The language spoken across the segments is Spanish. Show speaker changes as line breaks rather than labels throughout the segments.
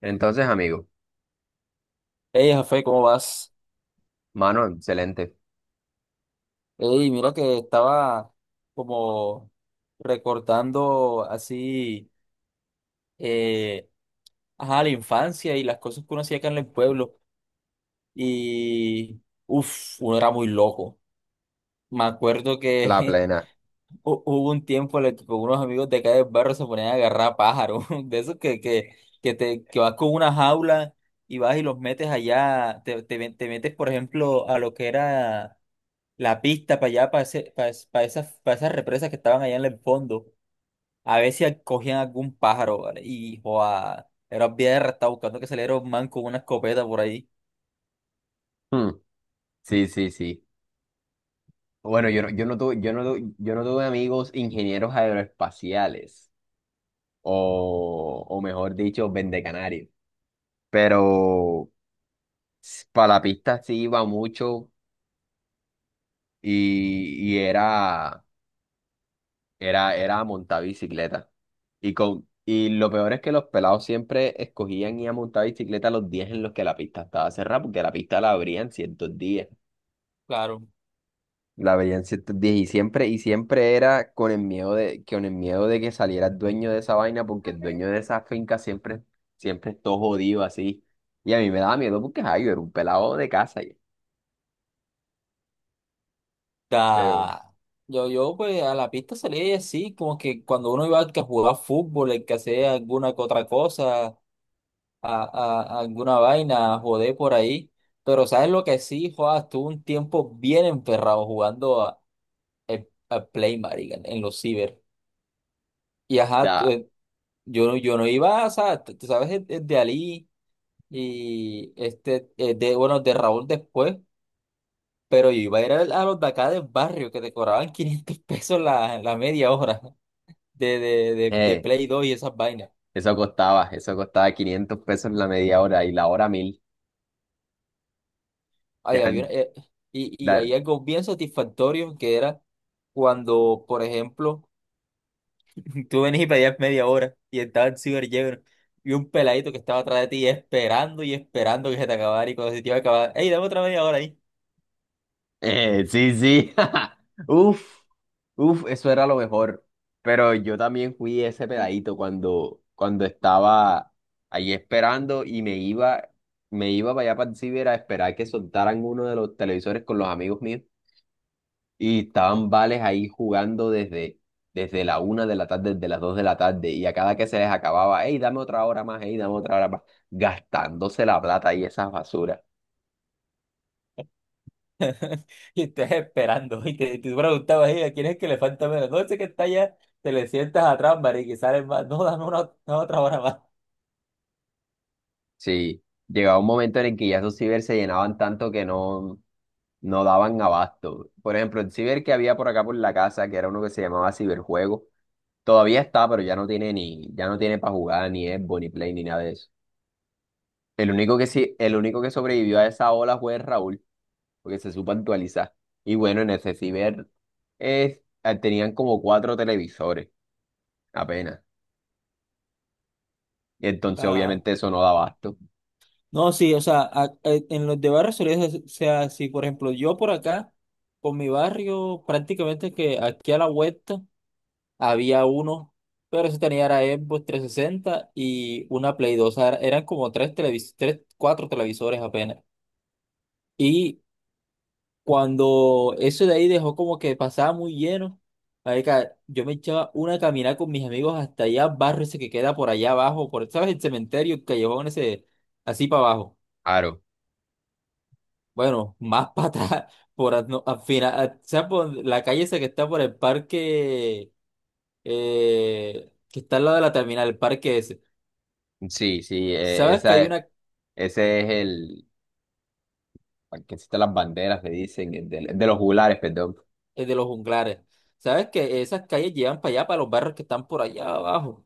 Entonces, amigo,
Hey, Jafé, ¿cómo vas?
mano, excelente.
Hey, mira que estaba como recortando así, eh, ajá, la infancia y las cosas que uno hacía acá en el pueblo. Y, uff, uno era muy loco. Me acuerdo
La
que
plena.
hubo un tiempo en el que con unos amigos de acá del barrio se ponían a agarrar pájaros, de esos que que vas con una jaula y vas y los metes allá, te metes, por ejemplo, a lo que era la pista para allá, para ese, para, es- para esas represas que estaban allá en el fondo. A ver si cogían algún pájaro, ¿vale? Y, joa, era bien, estaba buscando que saliera un man con una escopeta por ahí.
Mm, sí, sí, sí. Bueno, yo no tuve, yo no tuve amigos ingenieros aeroespaciales, o mejor dicho, vendecanarios. Pero para la pista sí iba mucho y era, era montar bicicleta. Y, con, y lo peor es que los pelados siempre escogían ir a montar bicicleta los días en los que la pista estaba cerrada, porque la pista la abrían ciertos días.
Claro.
La veía en ciertos días y siempre era con el miedo de, con el miedo de que saliera el dueño de esa vaina, porque el dueño de esa finca siempre, siempre es todo jodido así. Y a mí me daba miedo porque ay, yo era un pelado de casa. Ya, pero
Da. Yo, pues, a la pista salía y así, como que cuando uno iba que a jugar fútbol, el que hacía alguna que otra cosa, a- a alguna vaina, a joder por ahí. Pero, ¿sabes lo que sí, joa? Estuve un tiempo bien enferrado jugando a Play, marica, en los ciber. Y ajá,
da,
yo no iba, o sea, tú sabes, el de Ali y este, bueno, de Raúl después, pero yo iba a ir a los de acá del barrio que te cobraban 500 pesos la media hora de
eh,
Play 2 y esas vainas.
eso costaba 500 pesos la media hora y la hora mil. Ya,
Ay había, y
da-
hay algo bien satisfactorio que era cuando, por ejemplo, tú venís y pedías media hora y estaba el ciber lleno, y un peladito que estaba atrás de ti esperando y esperando que se te acabara y cuando se te iba a acabar, ¡ey, dame otra media hora!
Sí, sí. Uf, uf, eso era lo mejor. Pero yo también fui ese pedadito cuando, cuando estaba ahí esperando y me iba para allá para el ciber a esperar que soltaran uno de los televisores con los amigos míos. Y estaban vales ahí jugando desde, desde la 1 de la tarde, desde las 2 de la tarde. Y a cada que se les acababa, hey, dame otra hora más, hey, dame otra hora más. Gastándose la plata y esas basuras.
Y estás esperando, y te preguntabas, "Ey, ¿a quién es que le falta menos? No sé, que está allá, te le sientas atrás, marica, y sale más. No, dame una otra hora más".
Sí, llegaba un momento en el que ya esos ciber se llenaban tanto que no, no daban abasto. Por ejemplo, el ciber que había por acá por la casa, que era uno que se llamaba Ciberjuego, todavía está, pero ya no tiene ni, ya no tiene para jugar ni Xbox, ni Play, ni nada de eso. El único que sí, el único que sobrevivió a esa ola fue Raúl, porque se supo actualizar. Y bueno, en ese ciber tenían como cuatro televisores apenas. Y entonces
Ah,
obviamente eso no da abasto.
no, sí, o sea, en los de barrios solía ser, o sea, si por ejemplo yo por acá, con mi barrio, prácticamente que aquí a la vuelta había uno, pero ese tenía era Xbox 360 y una Play 2, o sea, eran como tres televisores, tres, cuatro televisores apenas. Y cuando eso de ahí dejó como que pasaba muy lleno, marica, yo me echaba una caminada con mis amigos hasta allá, barrio ese que queda por allá abajo, por, ¿sabes? El cementerio, el callejón ese, así para abajo.
Claro.
Bueno, más para atrás, por al, no, al final, al, ¿sabes? Por la calle esa que está por el parque, que está al lado de la terminal, el parque ese.
Sí, sí,
¿Sabes que hay
esa,
una,
ese es el, al que existen las banderas, le dicen, el de los juglares, perdón.
de los junglares? ¿Sabes que esas calles llevan para allá, para los barrios que están por allá abajo?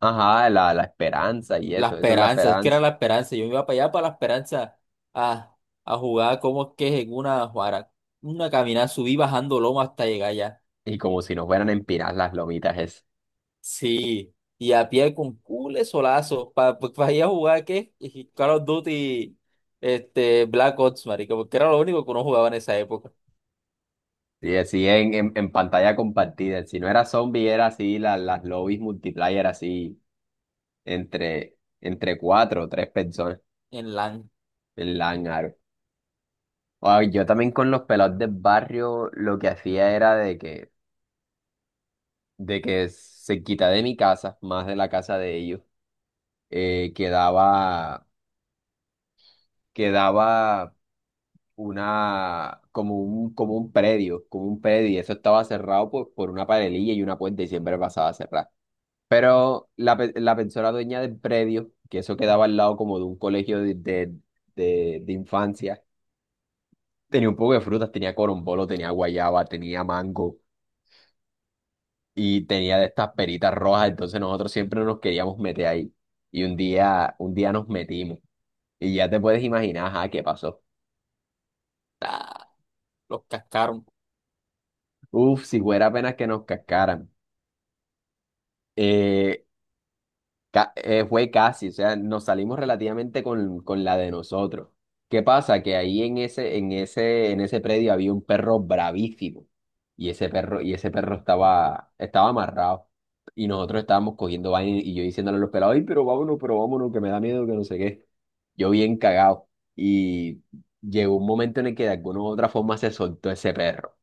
Ajá, la esperanza y
La
eso es la
esperanza, es que era
esperanza.
la esperanza. Yo iba para allá para la esperanza a, a jugar, como es que es, en una caminada, subí bajando loma hasta llegar allá.
Y como si nos fueran a empinar las lomitas esas.
Sí, y a pie con cule solazo para ir a jugar ¿qué? Y Call of Duty, este, Black Ops, marico, porque era lo único que uno jugaba en esa época.
Y así en pantalla compartida. Si no era zombie, era así, la- las lobbies multiplayer así, entre, entre cuatro o tres personas
En LAN.
en Langar. Ay, yo también con los pelados del barrio lo que hacía era de que se quita de mi casa, más de la casa de ellos, quedaba, quedaba una, como un predio, y eso estaba cerrado por una paredilla y una puerta y siempre pasaba a cerrar. Pero la, pe- la persona dueña del predio, que eso quedaba al lado como de un colegio de infancia, tenía un poco de frutas, tenía corombolo, tenía guayaba, tenía mango y tenía de estas peritas rojas, entonces nosotros siempre nos queríamos meter ahí. Y un día nos metimos y ya te puedes imaginar, ajá, qué pasó.
Ah, los cascaron.
Uf, si fuera apenas que nos cascaran. Eh, Ca- fue casi, o sea, nos salimos relativamente con la de nosotros. ¿Qué pasa? Que ahí en ese predio había un perro bravísimo. Y ese perro estaba, estaba amarrado. Y nosotros estábamos cogiendo vaina y yo diciéndole a los pelados, ay, pero vámonos, que me da miedo, que no sé qué. Yo bien cagado. Y llegó un momento en el que de alguna u otra forma se soltó ese perro.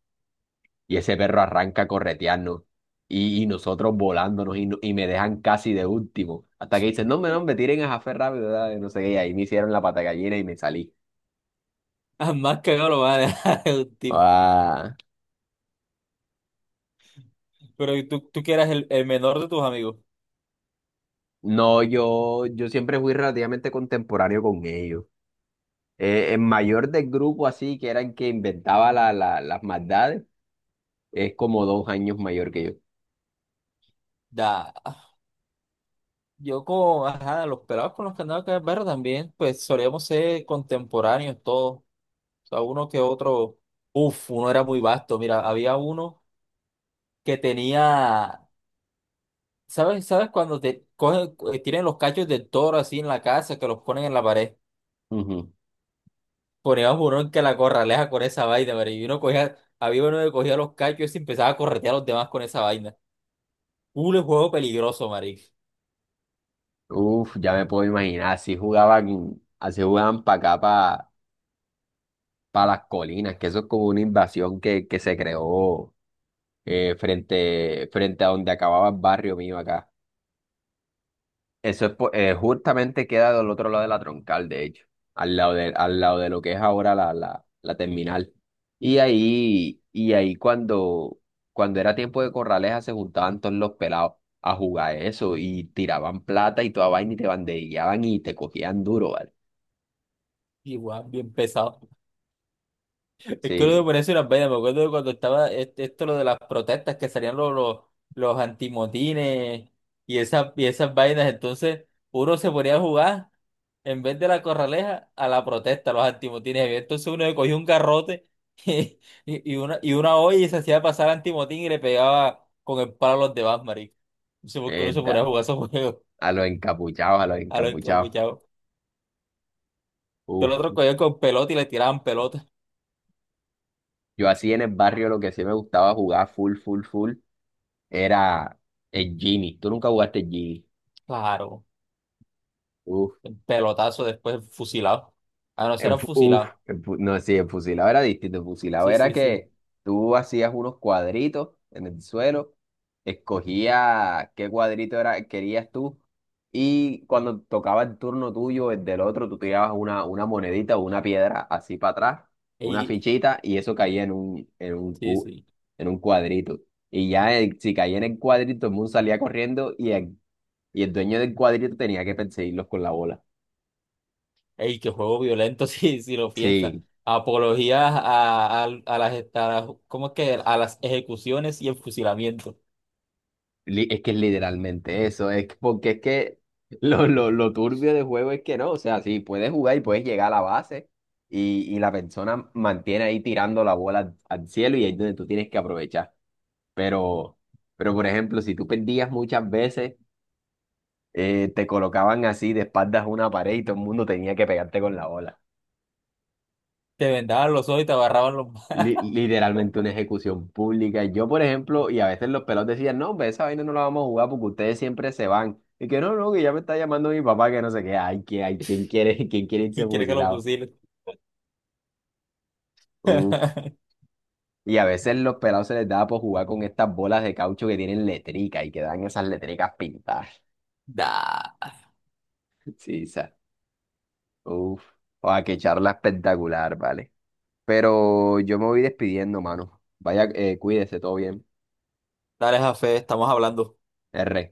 Y ese perro arranca a corretearnos. Y nosotros volándonos y, no- y me dejan casi de último. Hasta que dicen, no, hombre, no, me tiren a Jafé rápido, dale, no sé qué. Y ahí me hicieron la pata de gallina y me salí.
Ah, más cagado lo van a dejar el último.
Ah,
Pero ¿y tú que eras el menor de tus amigos?
no, yo siempre fui relativamente contemporáneo con ellos. El mayor del grupo así, que era el que inventaba la, la- las maldades, es como 2 años mayor que yo.
Da. Yo con, ajá, los pelados con los que andaba acá en el barrio también, pues solíamos ser contemporáneos todos. O sea, uno que otro, uff, uno era muy vasto. Mira, había uno que tenía, ¿sabes? ¿Sabes cuando te cogen, tienen los cachos del toro así en la casa que los ponen en la pared?
Ujú.
Poníamos uno en que la corraleja con esa vaina, pero y uno cogía, había uno que cogía los cachos y se empezaba a corretear a los demás con esa vaina. Un juego peligroso, marica.
Uf, ya me puedo imaginar, así jugaban para acá, para las colinas, que eso es como una invasión que se creó frente, frente a donde acababa el barrio mío acá. Eso es, po- justamente queda del otro lado de la troncal, de hecho, al lado de lo que es ahora la terminal. Y ahí cuando, cuando era tiempo de corraleja se juntaban todos los pelados a jugar eso y tiraban plata y toda vaina y te banderillaban y te cogían duro, ¿vale?
Igual, bien pesado. Es que uno se
Sí,
pone unas vainas. Me acuerdo de cuando estaba esto lo de las protestas, que salían los antimotines y esas vainas. Entonces, uno se ponía a jugar en vez de la corraleja a la protesta, a los antimotines. Entonces uno le cogía un garrote y, y una olla y se hacía pasar antimotín y le pegaba con el palo a los demás, marico. No sé por qué uno
es
se ponía a
da-
jugar esos juegos,
a los encapuchados, a los
a los
encapuchados.
encapuchados. Que el
Uf.
otro cogía con pelota y le tiraban pelota.
Yo así en el barrio lo que sí me gustaba jugar full, full, full era el Genie. ¿Tú nunca jugaste el Genie?
Claro. Pelotazo, después fusilado. Ah, no,
En,
serán
fu- uf,
fusilados.
en fu- no, sí, en fusilado era distinto. En fusilado
Sí,
era
sí, sí.
que tú hacías unos cuadritos en el suelo, escogías qué cuadrito era, querías tú, y cuando tocaba el turno tuyo, el del otro, tú tirabas una monedita o una piedra así para atrás, una
Ey,
fichita, y eso caía en un,
sí,
cu-
sí.
en un cuadrito. Y ya el- si caía en el cuadrito, el mundo salía corriendo y el dueño del cuadrito tenía que perseguirlos con la bola.
Ey, qué juego violento si lo piensas.
Sí,
Apología ¿cómo es que? A las ejecuciones y el fusilamiento.
li- es que es literalmente eso, es que- porque es que lo turbio del juego es que no, o sea, sí, puedes jugar y puedes llegar a la base y la persona mantiene ahí tirando la bola al, al cielo y ahí es donde tú tienes que aprovechar. Pero, pero por ejemplo, si tú perdías muchas veces, te colocaban así de espaldas a una pared y todo el mundo tenía que pegarte con la bola.
Te vendaban los ojos y te agarraban los...
Li- literalmente una ejecución pública. Yo, por ejemplo, y a veces los pelados decían, no, hombre, esa vaina no la vamos a jugar porque ustedes siempre se van. Y que no, no, que ya me está llamando mi papá, que no sé qué. Ay, que, ay, ¿quién quiere, quién quiere irse
¿y quiere que lo
fusilado?
fusilen?
Uf. Y a veces los pelados se les daba por jugar con estas bolas de caucho que tienen letrica y que dan esas letricas pintadas.
Da.
Sí, sa- Uf. A que charla espectacular, vale. Pero yo me voy despidiendo, mano. Vaya, cuídese, todo bien.
Dale, Jafé, estamos hablando.
R.